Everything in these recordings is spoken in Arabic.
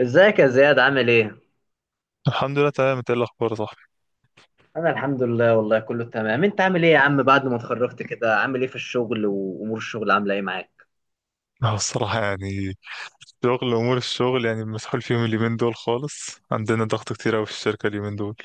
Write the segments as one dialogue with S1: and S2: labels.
S1: ازيك يا زياد؟ عامل ايه؟
S2: الحمد لله تمام. انت ايه الاخبار يا صاحبي؟
S1: انا الحمد لله، والله كله تمام. انت عامل ايه يا عم؟ بعد ما اتخرجت كده عامل ايه في الشغل، وامور الشغل عامله ايه معاك؟
S2: اه الصراحه يعني شغل، امور الشغل يعني مسحول فيهم اليومين دول خالص. عندنا ضغط كتير قوي في الشركه اليومين دول.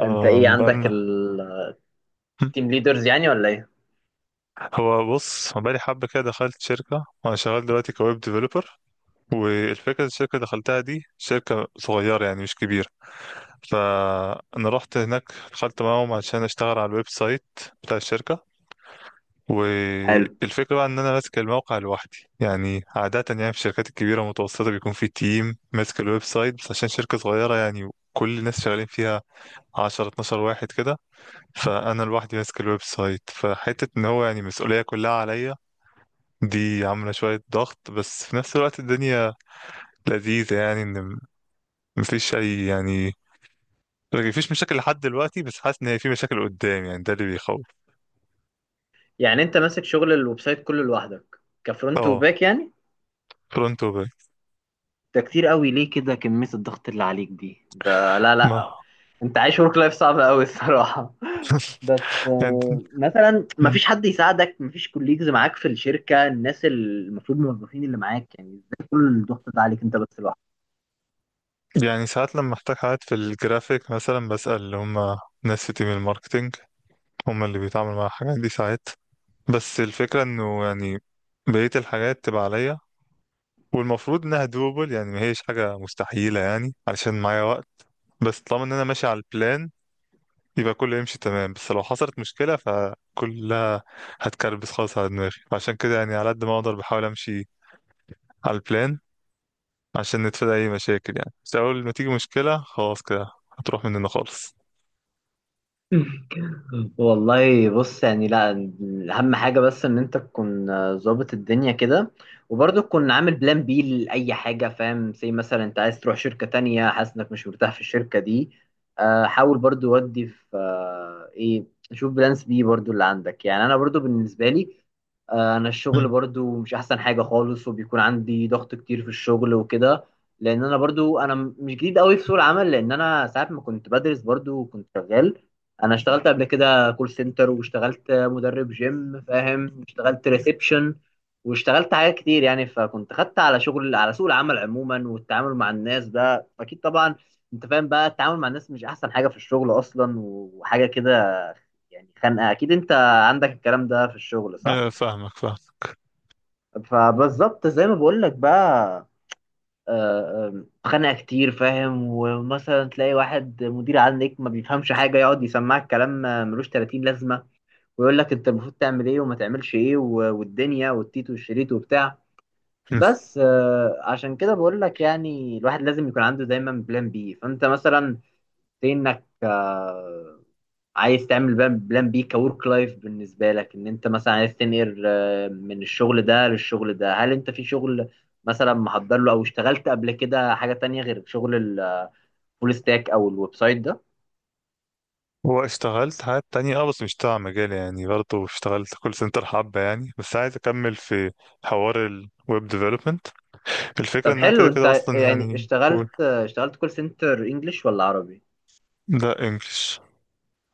S1: انت ايه، عندك
S2: بقالنا.
S1: التيم ليدرز يعني ولا ايه؟
S2: هو بص بقالي حبه كده، دخلت شركه، انا شغال دلوقتي كويب ديفلوبر. والفكره اللي الشركه اللي دخلتها دي شركه صغيره يعني، مش كبيره. فانا رحت هناك دخلت معاهم عشان اشتغل على الويب سايت بتاع الشركه.
S1: حلو.
S2: والفكرة بقى إن أنا ماسك الموقع لوحدي. يعني عادة يعني في الشركات الكبيرة المتوسطة بيكون في تيم ماسك الويب سايت، بس عشان شركة صغيرة يعني كل الناس شغالين فيها 10 12 واحد كده. فأنا لوحدي ماسك الويب سايت، فحتة إن هو يعني المسؤولية كلها عليا. دي عاملة شوية ضغط، بس في نفس الوقت الدنيا لذيذة يعني. مفيش أي يعني مفيش مشاكل لحد دلوقتي، بس حاسس إن هي في مشاكل قدام يعني، ده اللي بيخوف.
S1: يعني انت ماسك شغل الويب سايت كله لوحدك، كفرونت
S2: اه،
S1: وباك يعني؟
S2: فرونت وباك.
S1: ده كتير قوي، ليه كده كمية الضغط اللي عليك دي؟ ده لا لا، انت عايش ورك لايف صعب قوي الصراحة. بس مثلا
S2: ما
S1: مفيش حد يساعدك، مفيش كوليجز معاك في الشركة، الناس المفروض موظفين اللي معاك، يعني ازاي كل الضغط ده عليك انت بس لوحدك؟
S2: يعني ساعات لما احتاج حاجات في الجرافيك مثلا بسأل اللي هم ناس في تيم الماركتينج، هم اللي بيتعاملوا مع الحاجات دي ساعات. بس الفكرة انه يعني بقية الحاجات تبقى عليا، والمفروض انها دوبل. يعني ما هيش حاجة مستحيلة يعني علشان معايا وقت. بس طالما ان انا ماشي على البلان يبقى كله يمشي تمام. بس لو حصلت مشكلة فكلها هتكربس خالص على دماغي. فعشان كده يعني على قد ما اقدر بحاول امشي على البلان عشان نتفادى اي مشاكل يعني. بس اول ما تيجي مشكلة خلاص كده هتروح مننا خالص.
S1: والله بص، يعني لا، اهم حاجه بس ان انت تكون ظابط الدنيا كده، وبرضه تكون عامل بلان بي لاي حاجه، فاهم؟ زي مثلا انت عايز تروح شركه تانية، حاسس انك مش مرتاح في الشركه دي، حاول برضه. ودي في ايه، شوف بلانس بي برضه اللي عندك. يعني انا برضه بالنسبه لي، انا الشغل برضو مش احسن حاجه خالص، وبيكون عندي ضغط كتير في الشغل وكده. لان انا برضو انا مش جديد قوي في سوق العمل، لان انا ساعات ما كنت بدرس برضو كنت شغال. انا اشتغلت قبل كده كول سنتر، واشتغلت مدرب جيم، فاهم؟ واشتغلت ريسبشن، واشتغلت حاجات كتير يعني، فكنت خدت على شغل، على سوق العمل عموما، والتعامل مع الناس ده اكيد طبعا. انت فاهم بقى، التعامل مع الناس مش احسن حاجة في الشغل اصلا، وحاجة كده يعني خانقة اكيد. انت عندك الكلام ده في الشغل صح؟
S2: فاهمك.
S1: فبالظبط زي ما بقول لك بقى، خانقة كتير، فاهم؟ ومثلا تلاقي واحد مدير عندك ما بيفهمش حاجة، يقعد يسمعك كلام ملوش 30 لازمة، ويقول لك انت المفروض تعمل ايه وما تعملش ايه، والدنيا والتيت والشريط وبتاع.
S2: مم.
S1: بس عشان كده بقول لك، يعني الواحد لازم يكون عنده دايما بلان بي. فانت مثلا في انك عايز تعمل بلان بي كورك لايف بالنسبه لك، ان انت مثلا عايز تنقل من الشغل ده للشغل ده. هل انت في شغل مثلا محضر له، او اشتغلت قبل كده حاجه تانية غير شغل الفول ستاك او الويب سايت ده؟
S2: هو اشتغلت حاجات تانية اه، بس مش تبع مجالي يعني. برضه اشتغلت كول سنتر حبة يعني، بس عايز اكمل في حوار الويب ديفلوبمنت. الفكرة
S1: طب
S2: انها
S1: حلو.
S2: كده كده
S1: انت
S2: اصلا
S1: يعني
S2: يعني،
S1: اشتغلت
S2: قول.
S1: اشتغلت كول سنتر انجلش ولا عربي؟
S2: لا، انجلش.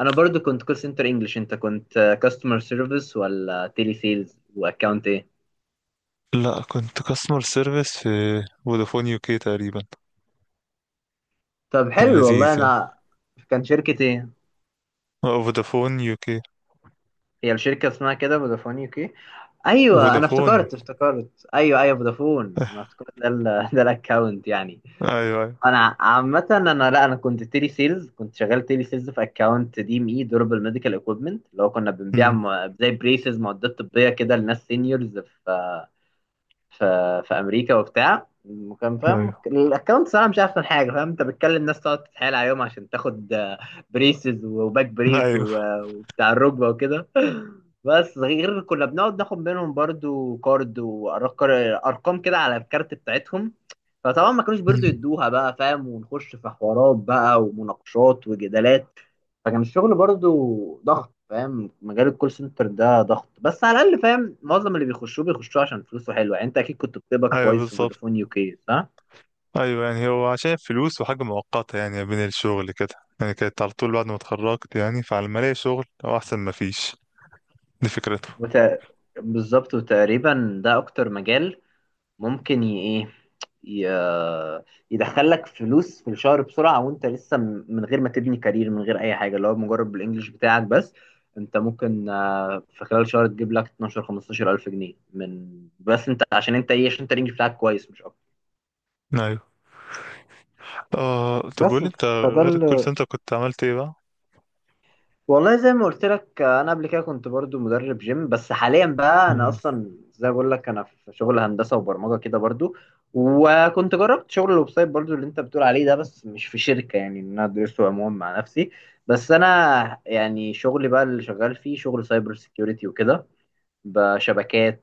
S1: انا برضو كنت كول سنتر انجلش. انت كنت كاستمر سيرفيس ولا تيلي سيلز؟ واكاونت ايه؟
S2: لا، كنت كاستمر سيرفيس في فودافون يو كي تقريبا.
S1: طب
S2: كان
S1: حلو والله.
S2: لذيذ يعني.
S1: انا كان شركة ايه،
S2: اه، فودافون يو كي.
S1: هي الشركة اسمها كده فودافون يو كي؟ ايوه، انا
S2: فودافون.
S1: افتكرت، افتكرت، ايوه ايوه فودافون. انا افتكرت ده ده الاكاونت يعني.
S2: ايوه ايوه.
S1: انا عامة انا، لا انا كنت تيلي سيلز، كنت شغال تيلي سيلز في اكاونت دي ام اي، دوربل ميديكال اكويبمنت، اللي هو كنا بنبيع
S2: امم.
S1: زي بريسز، معدات طبية كده، لناس سينيورز في في امريكا وبتاع. وكان، فاهم؟
S2: ايوه
S1: الاكونت صراحه مش احسن حاجه. فاهم؟ انت بتكلم ناس، تقعد تتحايل عليهم عشان تاخد بريسز وباك بريس
S2: ايوه.
S1: وبتاع الركبه وكده. بس غير كنا بنقعد ناخد منهم برضو كارد وارقام كده على الكارت بتاعتهم. فطبعا ما كانوش
S2: مم.
S1: برضو يدوها بقى، فاهم؟ ونخش في حوارات بقى ومناقشات وجدالات. فكان الشغل برضو ضغط، فاهم؟ مجال الكول سنتر ده ضغط، بس على الاقل، فاهم؟ معظم اللي بيخشوه بيخشوه عشان فلوسه حلوه يعني. انت اكيد كنت بتقبض
S2: ايوه
S1: كويس في
S2: بالظبط.
S1: فودافون يو كي، صح؟
S2: ايوه يعني هو عشان فلوس وحاجه مؤقته يعني بين الشغل كده. يعني كانت على طول بعد ما اتخرجت يعني، فعلى ما الاقي شغل هو احسن ما فيش. دي فكرته.
S1: وت... بالظبط. وتقريبا ده اكتر مجال ممكن ايه، ي- يدخلك فلوس في الشهر بسرعه، وانت لسه من غير ما تبني كارير، من غير اي حاجه، اللي هو مجرد بالانجلش بتاعك بس. انت ممكن في خلال شهر تجيب لك 12 15 الف جنيه، من بس انت عشان انت ايه، عشان انت الانجليش بتاعك كويس مش
S2: ايوه. اه طب
S1: بس.
S2: قولي انت،
S1: فده
S2: غير الكول
S1: ال-
S2: سنتر كنت عملت ايه بقى؟
S1: والله زي ما قلت لك انا قبل كده كنت برضو مدرب جيم. بس حاليا بقى انا
S2: مم.
S1: اصلا زي ما بقول لك، انا في شغل هندسه وبرمجه كده برضو. وكنت جربت شغل الويب سايت برضو اللي انت بتقول عليه ده، بس مش في شركه، يعني إن انا ادرسه عموما مع نفسي. بس انا يعني شغلي بقى اللي شغال فيه شغل سايبر سيكيورتي وكده، بشبكات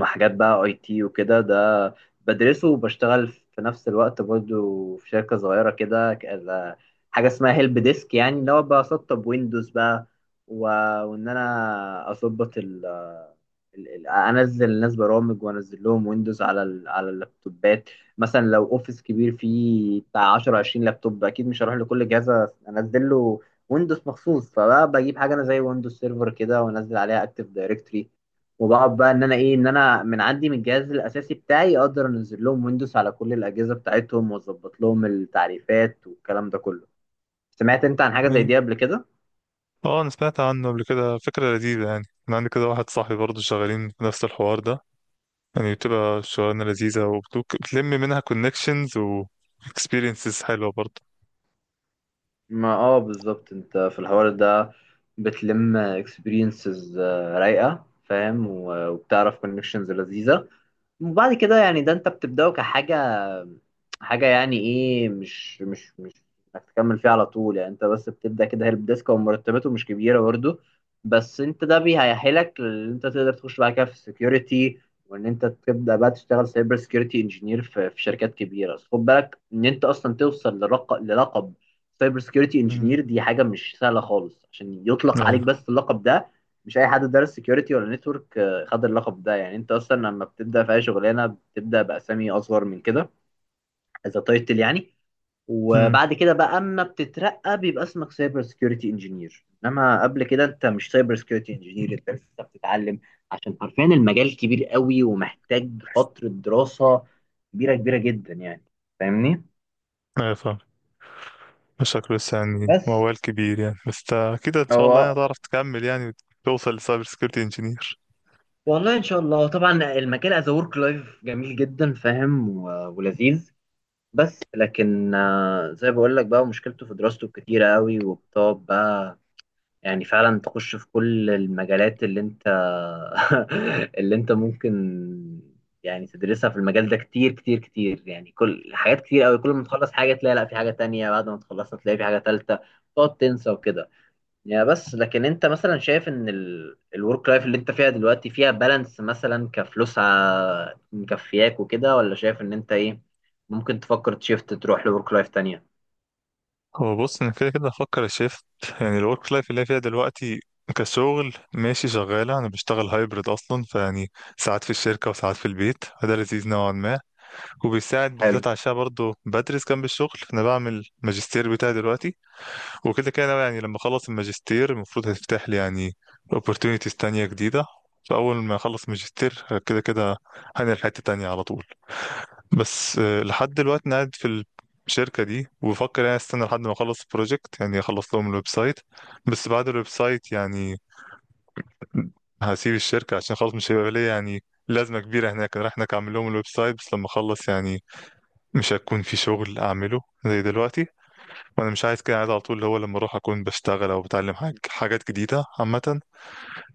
S1: وحاجات بقى اي تي وكده. ده بدرسه وبشتغل في نفس الوقت برضو في شركة صغيرة كده، حاجة اسمها هيلب ديسك، يعني اللي هو بسطب ويندوز بقى، و... وان انا اظبط انزل الناس برامج، وانزل لهم ويندوز على على اللابتوبات. مثلا لو اوفيس كبير فيه بتاع 10 20 لابتوب، اكيد مش هروح لكل جهاز انزل له ويندوز مخصوص. فبقى بجيب حاجة انا زي ويندوز سيرفر كده، وانزل عليها اكتيف دايركتري، وبقعد بقى ان انا ايه، ان انا من عندي من الجهاز الاساسي بتاعي اقدر انزل لهم ويندوز على كل الاجهزه بتاعتهم، واظبط لهم التعريفات والكلام ده كله. سمعت انت عن حاجه زي دي
S2: ايوه،
S1: قبل كده؟
S2: اه انا سمعت عنه قبل كده. فكره لذيذه يعني. انا عندي كده واحد صاحبي برضه شغالين في نفس الحوار ده، يعني بتبقى شغلانه لذيذه وبتلم منها كونكشنز و experiences حلوه برضه.
S1: ما اه بالظبط. انت في الحوار ده بتلم اكسبيرينسز رايقه، فاهم؟ وبتعرف كونكشنز لذيذه. وبعد كده يعني، ده انت بتبدأه كحاجة، حاجة يعني ايه، مش انك تكمل فيها على طول يعني. انت بس بتبدأ كده هيلب ديسك، ومرتباته مش كبيرة برضه، بس انت ده بيهيحلك ان انت تقدر تخش بعد كده في السكيورتي، وان انت تبدأ بقى تشتغل سايبر سكيورتي انجينير في شركات كبيرة. بس خد بالك ان انت اصلا توصل للقب سايبر سكيورتي
S2: امم.
S1: انجينير، دي حاجة مش سهلة خالص عشان يطلق عليك
S2: ايوه.
S1: بس اللقب ده. مش اي حد دارس سكيورتي ولا نتورك خد اللقب ده. يعني انت اصلا لما بتبدا في اي شغلانه، بتبدا باسامي اصغر من كده، اذا تايتل يعني.
S2: امم.
S1: وبعد كده بقى اما بتترقى، بيبقى اسمك سايبر سكيورتي انجينير. انما قبل كده انت مش سايبر سكيورتي انجينير، انت لسه بتتعلم. عشان حرفيا المجال كبير قوي، ومحتاج فتره دراسه كبيره، كبيره جدا يعني. فاهمني؟
S2: ايوه. شكله لسه يعني
S1: بس
S2: موال كبير يعني، بس كده ان شاء الله يعني
S1: هو
S2: هتعرف تكمل يعني وتوصل لسايبر سكيورتي انجينير.
S1: والله، ان شاء الله طبعا. المجال از ورك لايف جميل جدا، فاهم؟ ولذيذ. بس لكن زي بقول لك بقى، مشكلته في دراسته كتيرة قوي، وبتقعد بقى يعني فعلا تخش في كل المجالات اللي انت اللي انت ممكن يعني تدرسها في المجال ده، كتير كتير كتير يعني، كل حاجات كتير قوي. كل ما تخلص حاجة تلاقي لا في حاجة تانية، بعد ما تخلصها تلاقي في حاجة تالتة، تقعد تنسى وكده. يا بس لكن انت مثلا شايف ان الورك لايف اللي انت فيها دلوقتي فيها بالانس مثلا، كفلوس مكفياك وكده، ولا شايف ان انت ايه ممكن تفكر تشيفت تروح لورك لايف تانية؟
S2: هو بص انا كده كده هفكر الشيفت. يعني الورك لايف اللي أنا فيها دلوقتي كشغل ماشي شغالة. أنا بشتغل هايبرد أصلا، فيعني ساعات في الشركة وساعات في البيت، فده لذيذ نوعا ما. وبيساعد
S1: حلو
S2: بالذات عشان برضه بدرس جنب الشغل، أنا بعمل ماجستير بتاعي دلوقتي. وكده كده أنا يعني لما اخلص الماجستير المفروض هتفتح لي يعني opportunities تانية جديدة. فأول ما أخلص ماجستير كده كده هنقل حتة تانية على طول. بس لحد دلوقتي أنا قاعد في الشركة دي وبفكر يعني استنى لحد ما أخلص البروجكت، يعني أخلص لهم الويب سايت. بس بعد الويب سايت يعني هسيب الشركة عشان خلاص مش هيبقى ليا يعني لازمة كبيرة هناك. أنا رايح هناك أعمل لهم الويب سايت، بس لما أخلص يعني مش هيكون في شغل أعمله زي دلوقتي. وانا مش عايز كده، عايز على طول اللي هو لما اروح اكون بشتغل او بتعلم حاجات جديده عامه.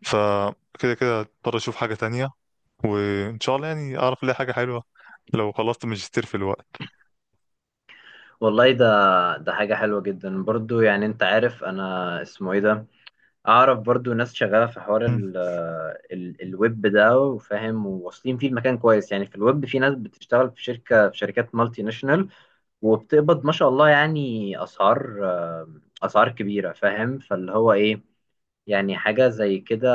S2: فكده كده اضطر اشوف حاجه تانية، وان شاء الله يعني اعرف الاقي حاجه حلوه لو خلصت ماجستير في الوقت.
S1: والله. ده ده حاجة حلوة جدا برضو، يعني انت عارف انا اسمه ايه ده. اعرف برضو ناس شغالة في حوار
S2: مم.
S1: ال الويب ده، وفاهم، وواصلين فيه المكان كويس يعني. في الويب في ناس بتشتغل في شركة، في شركات مالتي ناشونال، وبتقبض ما شاء الله يعني، اسعار، اسعار كبيره، فاهم؟ فاللي هو ايه يعني، حاجه زي كده.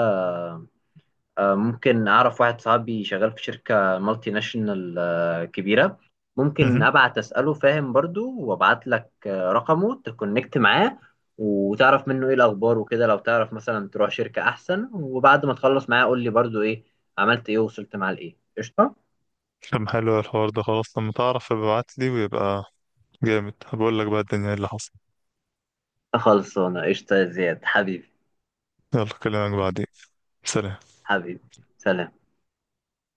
S1: ممكن اعرف واحد صاحبي شغال في شركه مالتي ناشونال كبيره. ممكن
S2: مهم.
S1: ابعت اساله، فاهم؟ برضو وابعت لك رقمه، تكونكت معاه، وتعرف منه ايه الاخبار وكده. لو تعرف مثلا تروح شركه احسن، وبعد ما تخلص معاه قول لي برضو ايه عملت ايه، ووصلت معاه لايه. قشطه.
S2: طب حلو، الحوار ده خلاص لما تعرف ابعت لي ويبقى جامد. هبقول لك بقى الدنيا إيه اللي حصل.
S1: خلصانه قشطه يا زياد حبيبي.
S2: يلا، كلامك بعدين. سلام.
S1: حبيبي، سلام.